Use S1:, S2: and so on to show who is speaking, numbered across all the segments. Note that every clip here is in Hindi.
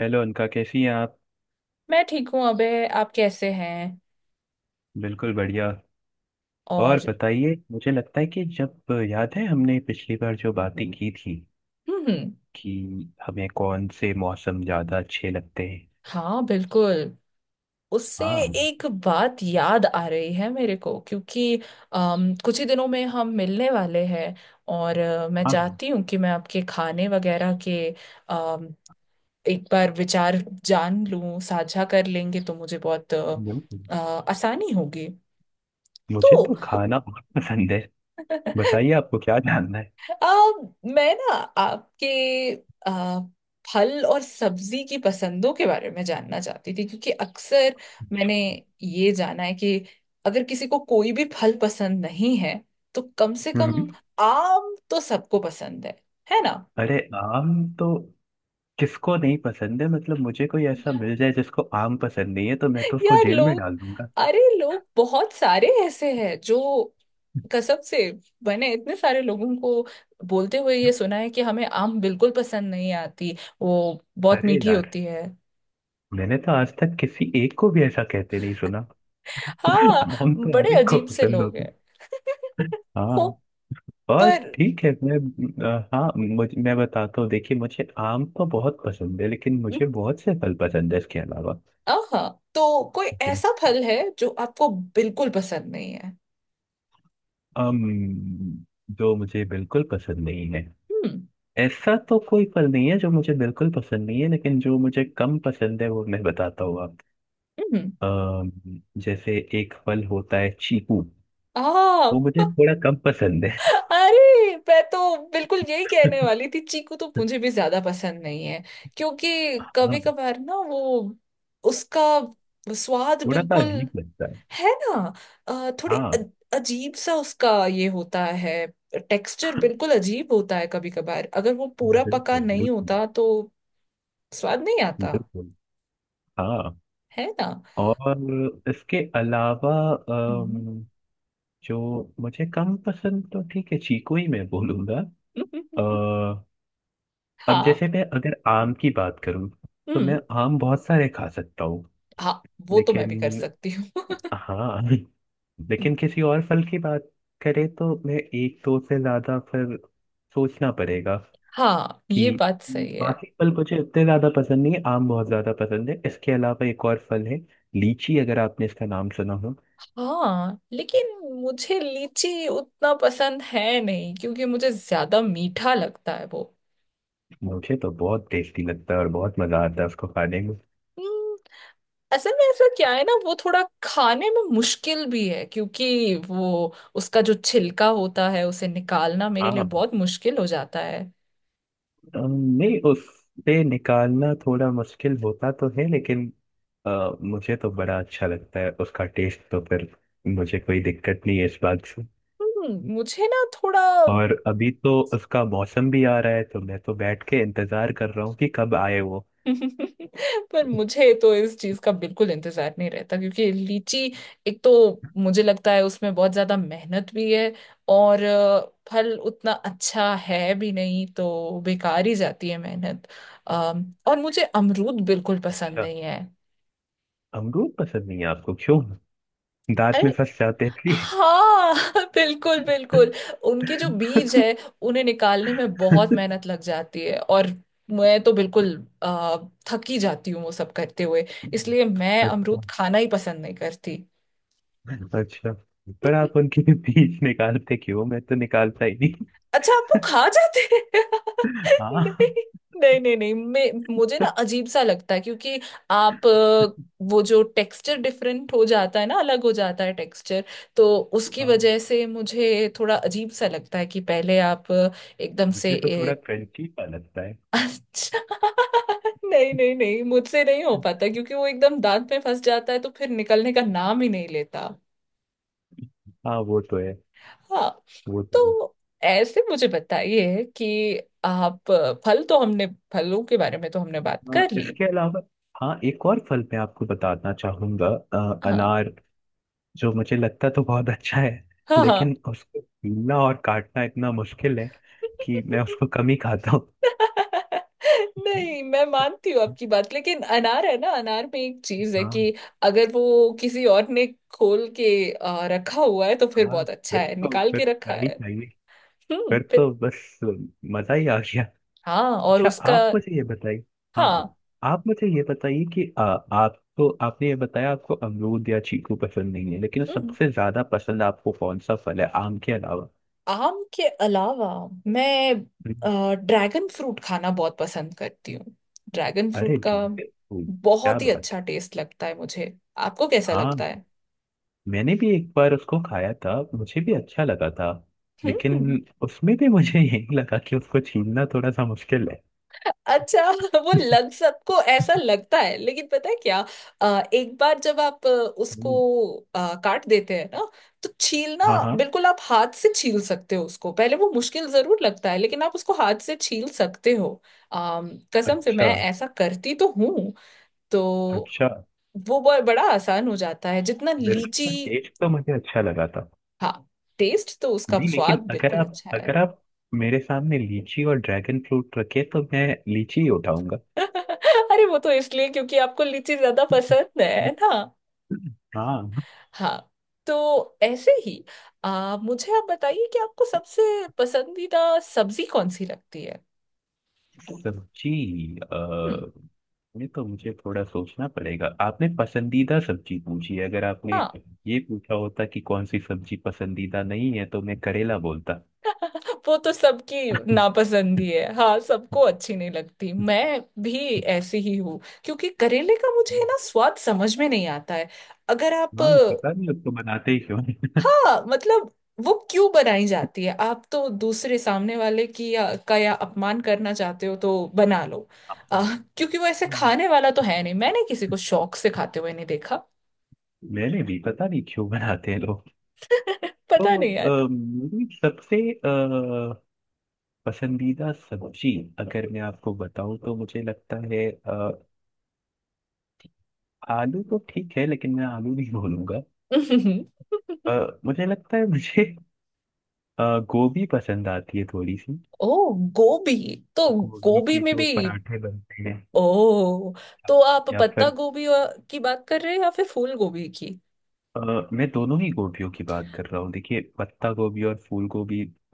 S1: हेलो अनका, कैसी हैं आप?
S2: मैं ठीक हूँ अबे, आप कैसे हैं?
S1: बिल्कुल बढ़िया।
S2: और।
S1: और बताइए, मुझे लगता है कि जब याद है हमने पिछली बार जो बातें की थी
S2: हम्म।
S1: कि हमें कौन से मौसम ज़्यादा अच्छे लगते हैं।
S2: हाँ, बिल्कुल। उससे
S1: हाँ,
S2: एक बात याद आ रही है मेरे को, क्योंकि कुछ ही दिनों में हम मिलने वाले हैं। और मैं
S1: हाँ
S2: चाहती हूँ कि मैं आपके खाने वगैरह के अम, एक बार विचार जान लूँ, साझा कर लेंगे तो मुझे बहुत
S1: बिल्कुल।
S2: अ, आसानी होगी।
S1: मुझे
S2: तो
S1: तो खाना बहुत पसंद है। बताइए आपको क्या जानना है।
S2: आ, मैं ना आपके आ, फल और सब्जी की पसंदों के बारे में जानना चाहती थी, क्योंकि अक्सर मैंने ये जाना है कि अगर किसी को कोई भी फल पसंद नहीं है तो कम से कम
S1: हम्म,
S2: आम तो सबको पसंद है ना?
S1: अरे आम तो किसको नहीं पसंद है? मतलब मुझे कोई ऐसा मिल जाए जिसको आम पसंद नहीं है तो मैं तो उसको
S2: यार
S1: जेल में
S2: लोग,
S1: डाल दूंगा।
S2: अरे लोग बहुत सारे ऐसे हैं जो, कसम से, मैंने इतने सारे लोगों को बोलते हुए ये सुना है कि हमें आम बिल्कुल पसंद नहीं आती, वो बहुत
S1: अरे
S2: मीठी
S1: यार,
S2: होती है।
S1: मैंने तो आज तक किसी एक को भी ऐसा कहते नहीं सुना।
S2: हाँ।
S1: आम तो
S2: बड़े
S1: हर एक को
S2: अजीब से
S1: पसंद
S2: लोग
S1: होता है।
S2: हैं। हो।
S1: हाँ। और
S2: पर,
S1: ठीक है, मैं हाँ मैं बताता हूँ, देखिए मुझे आम तो बहुत पसंद है, लेकिन मुझे बहुत से फल पसंद है इसके अलावा।
S2: हाँ, तो कोई
S1: मुझे
S2: ऐसा फल है जो आपको बिल्कुल पसंद नहीं है?
S1: अम जो मुझे बिल्कुल पसंद नहीं है,
S2: हम्म।
S1: ऐसा तो कोई फल नहीं है जो मुझे बिल्कुल पसंद नहीं है, लेकिन जो मुझे कम पसंद है वो मैं बताता हूँ आप।
S2: हम्म।
S1: अम, जैसे एक फल होता है चीकू,
S2: आ,
S1: वो मुझे थोड़ा कम पसंद है।
S2: अरे मैं तो बिल्कुल यही कहने वाली थी, चीकू तो मुझे भी ज्यादा पसंद नहीं है। क्योंकि कभी
S1: हाँ,
S2: कभार ना वो, उसका स्वाद
S1: थोड़ा सा
S2: बिल्कुल,
S1: अजीब लगता है।
S2: है ना? थोड़ी
S1: हाँ।
S2: अजीब सा उसका ये होता है। टेक्सचर बिल्कुल अजीब होता है, कभी कभार अगर वो पूरा पका
S1: बिल्कुल
S2: नहीं
S1: बिल्कुल
S2: होता तो स्वाद नहीं आता,
S1: बिल्कुल। हाँ।
S2: है ना?
S1: और इसके अलावा
S2: हम्म।
S1: जो मुझे कम पसंद, तो ठीक है, चीकू ही मैं बोलूंगा। अ, अब
S2: हाँ।
S1: जैसे मैं अगर आम की बात करूं, तो
S2: हम्म।
S1: मैं आम बहुत सारे खा सकता हूँ।
S2: हाँ, वो तो मैं भी कर
S1: लेकिन
S2: सकती हूँ।
S1: हाँ, लेकिन किसी और फल की बात करें तो मैं एक दो से ज्यादा फिर सोचना पड़ेगा
S2: हाँ,
S1: कि
S2: ये बात सही है।
S1: बाकी फल मुझे इतने ज्यादा पसंद नहीं है। आम बहुत ज्यादा पसंद है। इसके अलावा एक और फल है, लीची, अगर आपने इसका नाम सुना हो।
S2: हाँ, लेकिन मुझे लीची उतना पसंद है नहीं, क्योंकि मुझे ज्यादा मीठा लगता है।
S1: मुझे तो बहुत टेस्टी लगता है और बहुत मजा आता है उसको खाने में।
S2: वो असल में ऐसा क्या है ना, वो थोड़ा खाने में मुश्किल भी है, क्योंकि वो, उसका जो छिलका होता है उसे निकालना मेरे लिए
S1: हाँ।
S2: बहुत मुश्किल हो जाता है।
S1: अम, नहीं, उससे निकालना थोड़ा मुश्किल होता तो है, लेकिन मुझे तो बड़ा अच्छा लगता है उसका टेस्ट। तो फिर मुझे कोई दिक्कत नहीं है इस बात से।
S2: मुझे ना थोड़ा।
S1: और अभी तो उसका मौसम भी आ रहा है, तो मैं तो बैठ के इंतजार कर रहा हूँ कि कब आए वो।
S2: पर मुझे तो इस चीज का बिल्कुल इंतजार नहीं रहता, क्योंकि लीची, एक तो
S1: अच्छा।
S2: मुझे लगता है उसमें बहुत ज्यादा मेहनत भी है। और फल उतना अच्छा है भी नहीं, तो बेकार ही जाती है मेहनत। और मुझे अमरूद बिल्कुल पसंद नहीं है।
S1: अमरूद पसंद नहीं है आपको, क्यों? दांत में फंस जाते हैं इसलिए?
S2: हाँ, बिल्कुल, बिल्कुल। उनके जो बीज है, उन्हें निकालने में बहुत मेहनत लग जाती है, और मैं तो बिल्कुल आ, थक ही जाती हूँ वो सब करते हुए। इसलिए मैं अमरूद
S1: अच्छा।
S2: खाना ही पसंद नहीं करती।
S1: अच्छा। पर आप उनके बीज निकालते क्यों मैं तो निकालता ही नहीं।
S2: अच्छा, आप वो खा जाते हैं?
S1: हाँ।
S2: नहीं, नहीं, नहीं, नहीं, मैं मुझे ना अजीब सा लगता है, क्योंकि आप वो जो टेक्सचर डिफरेंट हो जाता है ना, अलग हो जाता है टेक्सचर, तो उसकी
S1: हाँ।
S2: वजह से मुझे थोड़ा अजीब सा लगता है कि पहले आप एकदम से
S1: मुझे तो थोड़ा क्रंची सा लगता है।
S2: अच्छा। नहीं, नहीं, नहीं, मुझसे नहीं हो पाता, क्योंकि वो एकदम दांत में फंस जाता है तो फिर निकलने का नाम ही नहीं लेता।
S1: हाँ, वो तो है।
S2: हाँ।
S1: वो तो है।
S2: तो ऐसे मुझे बताइए कि आप, फल तो हमने, फलों के बारे में तो हमने बात
S1: हाँ,
S2: कर ली।
S1: इसके अलावा हाँ, एक और फल मैं आपको बताना चाहूंगा,
S2: हाँ,
S1: अनार। जो मुझे लगता तो बहुत अच्छा है,
S2: हाँ। हाँ।
S1: लेकिन उसको पीलना और काटना इतना मुश्किल है कि मैं उसको कम ही खाता हूँ।
S2: नहीं, मैं मानती हूँ आपकी बात, लेकिन अनार है ना, अनार में एक चीज है
S1: हाँ।
S2: कि अगर वो किसी और ने खोल के रखा हुआ है तो फिर
S1: हाँ,
S2: बहुत अच्छा
S1: फिर
S2: है,
S1: तो
S2: निकाल
S1: फिर
S2: के रखा
S1: क्या ही
S2: है।
S1: चाहिए।
S2: हम्म,
S1: फिर तो
S2: फिर।
S1: बस मजा ही आ गया।
S2: हाँ, और
S1: अच्छा,
S2: उसका।
S1: आप मुझे ये बताइए, हाँ,
S2: हाँ।
S1: आप मुझे ये बताइए कि आप तो, आपने ये बताया आपको अमरूद या चीकू पसंद नहीं है, लेकिन
S2: हम्म।
S1: सबसे ज्यादा पसंद आपको कौन सा फल है आम के अलावा?
S2: आम के अलावा मैं
S1: हम्म,
S2: ड्रैगन फ्रूट खाना बहुत पसंद करती हूँ। ड्रैगन
S1: अरे
S2: फ्रूट का
S1: ठीक है। ओ, क्या
S2: बहुत ही
S1: बात है।
S2: अच्छा टेस्ट लगता है मुझे। आपको कैसा
S1: हाँ,
S2: लगता है?
S1: मैंने भी एक बार उसको खाया था, मुझे भी अच्छा लगा था,
S2: हम्म।
S1: लेकिन उसमें भी मुझे यही लगा कि उसको छीलना थोड़ा सा मुश्किल है।
S2: अच्छा, वो लग सबको ऐसा लगता है, लेकिन पता है क्या, एक बार जब आप उसको
S1: हम्म,
S2: काट देते हैं ना, तो छीलना
S1: हाँ हाँ।
S2: बिल्कुल, आप हाथ से छील सकते हो उसको। पहले वो मुश्किल जरूर लगता है, लेकिन आप उसको हाथ से छील सकते हो। अम, कसम से
S1: अच्छा।
S2: मैं ऐसा करती तो हूँ। तो
S1: अच्छा।
S2: वो बड़ा आसान हो जाता है, जितना लीची।
S1: बिल्कुल, टेस्ट तो मुझे अच्छा लगा था।
S2: हाँ, टेस्ट तो उसका
S1: जी,
S2: स्वाद
S1: लेकिन अगर
S2: बिल्कुल
S1: आप,
S2: अच्छा है।
S1: अगर आप मेरे सामने लीची और ड्रैगन फ्रूट रखे तो मैं लीची ही उठाऊंगा।
S2: अरे वो तो इसलिए क्योंकि आपको लीची ज्यादा पसंद है ना।
S1: हाँ।
S2: हाँ। तो ऐसे ही मुझे आप बताइए कि आपको सबसे पसंदीदा सब्जी कौन सी लगती है?
S1: सब्जी, अ,
S2: हम्म।
S1: ये तो मुझे थोड़ा सोचना पड़ेगा। आपने पसंदीदा सब्जी पूछी है, अगर आपने
S2: हाँ,
S1: ये पूछा होता कि कौन सी सब्जी पसंदीदा नहीं है तो मैं करेला बोलता।
S2: वो तो सबकी नापसंद ही है, हाँ, सबको अच्छी नहीं लगती, मैं भी ऐसी ही हूँ, क्योंकि करेले का मुझे है ना स्वाद समझ में नहीं आता है। अगर आप,
S1: हाँ, पता नहीं उसको बनाते ही क्यों
S2: हाँ मतलब, वो क्यों बनाई जाती है? आप तो दूसरे सामने वाले की या, का या अपमान करना चाहते हो तो बना लो। आ,
S1: हैं।
S2: क्योंकि वो ऐसे खाने वाला तो है नहीं, मैंने किसी को शौक से खाते हुए नहीं देखा।
S1: मैंने भी पता नहीं क्यों बनाते हैं लोग।
S2: पता
S1: तो
S2: नहीं यार।
S1: मेरी सबसे पसंदीदा सब्जी, अगर मैं आपको बताऊं तो मुझे लगता है आलू तो ठीक है, लेकिन मैं आलू नहीं बोलूंगा। मुझे लगता है मुझे गोभी पसंद आती है थोड़ी सी।
S2: ओ, गोभी। तो
S1: गोभी
S2: गोभी
S1: के
S2: में
S1: जो
S2: भी,
S1: पराठे बनते हैं,
S2: ओ, तो आप
S1: या
S2: पत्ता
S1: फिर
S2: गोभी की बात कर रहे हैं या फिर फूल गोभी की?
S1: अ, मैं दोनों ही गोभियों की बात कर रहा हूँ। देखिए, पत्ता गोभी और फूल गोभी,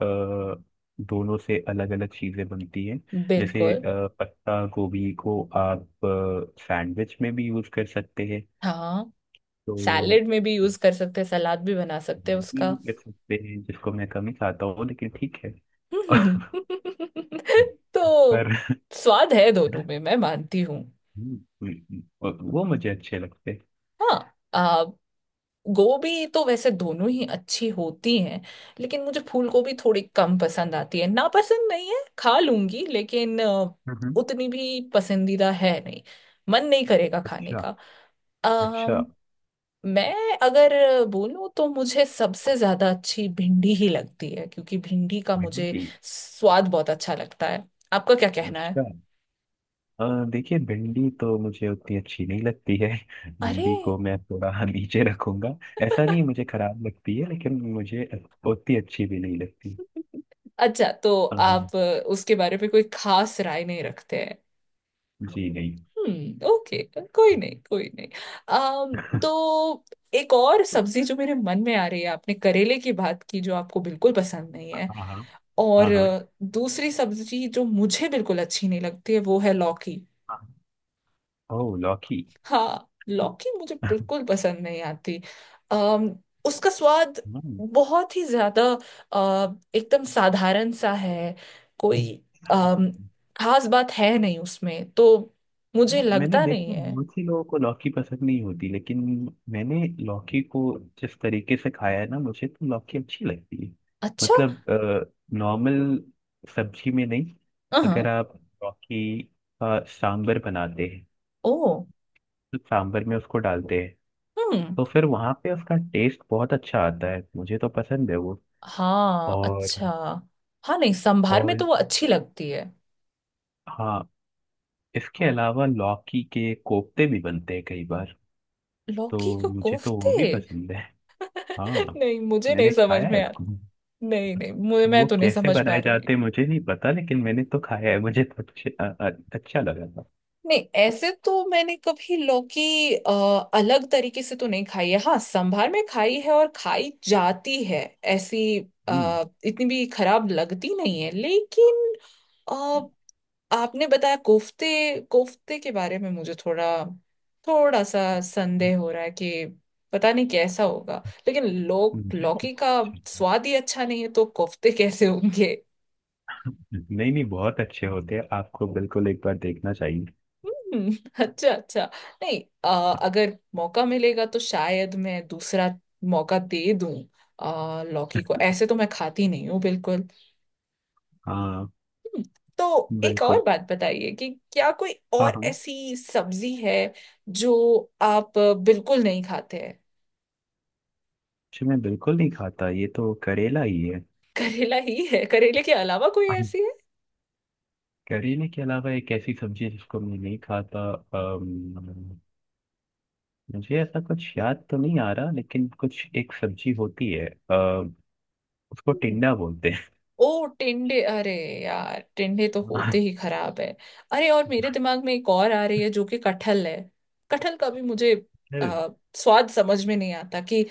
S1: दोनों से अलग अलग चीजें बनती हैं। जैसे
S2: बिल्कुल।
S1: पत्ता गोभी को आप सैंडविच में भी यूज कर सकते हैं।
S2: हाँ,
S1: तो
S2: सैलेड में भी यूज कर सकते हैं, सलाद भी बना सकते हैं
S1: सैंडविच में भी
S2: उसका।
S1: कर सकते हैं, जिसको मैं कम ही खाता हूँ लेकिन ठीक है।
S2: तो
S1: पर
S2: स्वाद है दोनों में, मैं मानती हूँ।
S1: वो मुझे अच्छे लगते हैं।
S2: हाँ, गोभी तो वैसे दोनों ही अच्छी होती हैं, लेकिन मुझे फूल गोभी थोड़ी कम पसंद आती है। ना पसंद नहीं है, खा लूंगी, लेकिन
S1: हम्म,
S2: उतनी भी पसंदीदा है नहीं, मन नहीं करेगा खाने
S1: अच्छा।
S2: का। आ,
S1: अच्छा।
S2: मैं अगर बोलूँ तो मुझे सबसे ज्यादा अच्छी भिंडी ही लगती है, क्योंकि भिंडी का
S1: हम्म,
S2: मुझे स्वाद बहुत अच्छा लगता है। आपका क्या कहना है?
S1: अच्छा। अ, देखिए भिंडी तो मुझे उतनी अच्छी नहीं लगती है।
S2: अरे।
S1: भिंडी को मैं थोड़ा नीचे रखूंगा। ऐसा नहीं मुझे खराब लगती है, लेकिन मुझे उतनी अच्छी भी नहीं लगती।
S2: अच्छा, तो
S1: अ,
S2: आप उसके बारे में कोई खास राय नहीं रखते हैं।
S1: जी नहीं।
S2: हम्म, ओके। कोई नहीं, कोई नहीं। अम, तो एक और सब्जी जो मेरे मन में आ रही है, आपने करेले की बात की जो आपको बिल्कुल पसंद नहीं है,
S1: हाँ
S2: और
S1: हाँ। हाँ
S2: दूसरी सब्जी जो मुझे बिल्कुल अच्छी नहीं लगती है वो है लौकी।
S1: हाँ। ओह, लौकी।
S2: हाँ, लौकी मुझे बिल्कुल पसंद नहीं आती। अम, उसका स्वाद
S1: हम्म,
S2: बहुत ही ज्यादा एकदम साधारण सा है। कोई
S1: हाँ,
S2: अम, खास बात है नहीं उसमें तो, मुझे
S1: हाँ, मैंने
S2: लगता नहीं
S1: देखा है,
S2: है।
S1: बहुत ही लोगों को लौकी पसंद नहीं होती, लेकिन मैंने लौकी को जिस तरीके से खाया है ना, मुझे तो लौकी अच्छी लगती है।
S2: अच्छा।
S1: मतलब नॉर्मल सब्जी में नहीं। अगर
S2: हाँ।
S1: आप लौकी का सांबर बनाते हैं,
S2: ओ।
S1: तो सांबर में उसको डालते हैं,
S2: हम्म।
S1: तो फिर वहाँ पे उसका टेस्ट बहुत अच्छा आता है। मुझे तो पसंद है वो।
S2: हाँ।
S1: और
S2: अच्छा। हाँ नहीं, संभार में तो
S1: और
S2: वो अच्छी लगती है।
S1: हाँ, इसके अलावा लौकी के कोफ्ते भी बनते हैं कई बार। तो
S2: लौकी को
S1: मुझे तो
S2: कोफ्ते?
S1: वो भी पसंद है। हाँ,
S2: नहीं, मुझे नहीं
S1: मैंने
S2: समझ
S1: खाया है
S2: में आता।
S1: इसको।
S2: नहीं, नहीं, मुझे,
S1: अब
S2: मैं
S1: वो
S2: तो नहीं
S1: कैसे
S2: समझ पा
S1: बनाए
S2: रही।
S1: जाते हैं, मुझे नहीं पता, लेकिन मैंने तो खाया है, मुझे तो अच्छे, अच्छा लगा था।
S2: नहीं, ऐसे तो मैंने कभी लौकी अ, अलग तरीके से तो नहीं खाई है, हाँ संभार में खाई है, और खाई जाती है ऐसी,
S1: हम्म।
S2: इतनी भी खराब लगती नहीं है, लेकिन अ, आपने बताया कोफ्ते, कोफ्ते के बारे में मुझे थोड़ा, थोड़ा सा संदेह हो रहा है कि पता नहीं कैसा होगा, लेकिन लोग,
S1: मुझे तो
S2: लौकी का स्वाद ही अच्छा नहीं है तो कोफ्ते कैसे होंगे?
S1: नहीं नहीं, बहुत अच्छे होते हैं, आपको बिल्कुल एक बार देखना चाहिए।
S2: हम्म, अच्छा, अच्छा। नहीं, अगर मौका मिलेगा तो शायद मैं दूसरा मौका दे दूं। लौकी को ऐसे तो मैं खाती नहीं हूँ बिल्कुल।
S1: हाँ,
S2: हम्म, तो एक और
S1: बिल्कुल।
S2: बात बताइए कि क्या कोई
S1: हाँ
S2: और
S1: हाँ।
S2: ऐसी सब्जी है जो आप बिल्कुल नहीं खाते हैं?
S1: जी, मैं बिल्कुल नहीं खाता, ये तो करेला ही है।
S2: करेला ही है? करेले के अलावा कोई ऐसी
S1: करेले के अलावा एक ऐसी सब्जी जिसको मैं नहीं खाता, मुझे ऐसा कुछ याद तो नहीं आ रहा, लेकिन कुछ एक सब्जी होती है, उसको
S2: है?
S1: टिंडा बोलते।
S2: ओ टिंडे, अरे यार, टिंडे तो होते ही खराब है। अरे, और मेरे दिमाग में एक और आ रही है जो कि कटहल है। कटहल का भी मुझे
S1: फिर
S2: आ, स्वाद समझ में नहीं आता कि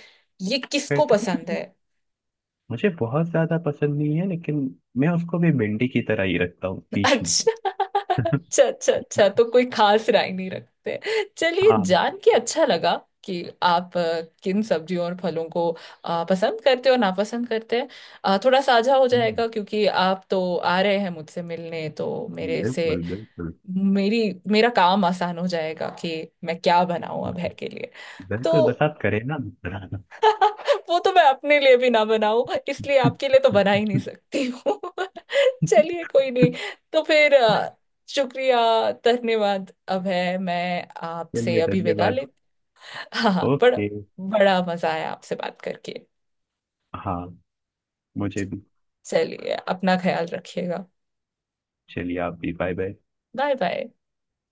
S2: ये किसको
S1: फिर
S2: पसंद है।
S1: मुझे बहुत ज्यादा पसंद नहीं है, लेकिन मैं उसको भी भिंडी की तरह ही रखता हूँ बीच में।
S2: अच्छा, अच्छा, अच्छा, अच्छा, तो कोई खास राय नहीं रखते। चलिए,
S1: हाँ।
S2: जान के अच्छा लगा कि आप किन सब्जियों और फलों को पसंद करते हो, नापसंद करते हैं। थोड़ा साझा हो
S1: हम्म,
S2: जाएगा, क्योंकि आप तो आ रहे हैं मुझसे मिलने, तो मेरे से,
S1: बिल्कुल बिल्कुल।
S2: मेरी, मेरा काम आसान हो जाएगा कि मैं क्या बनाऊं अब है के लिए। तो
S1: बिल्कुल, बस आप करें ना।
S2: वो तो मैं अपने लिए भी ना बनाऊं, इसलिए आपके लिए तो बना ही नहीं सकती हूँ। चलिए, कोई नहीं। तो फिर शुक्रिया, धन्यवाद अब है, मैं आपसे
S1: चलिए,
S2: अभी विदा
S1: धन्यवाद।
S2: ले। हाँ, हाँ, बड़ा,
S1: ओके।
S2: बड़ा मजा आया आपसे बात करके।
S1: हाँ, मुझे
S2: च-
S1: भी।
S2: चलिए, अपना ख्याल रखिएगा।
S1: चलिए, आप भी, बाय बाय।
S2: Bye bye.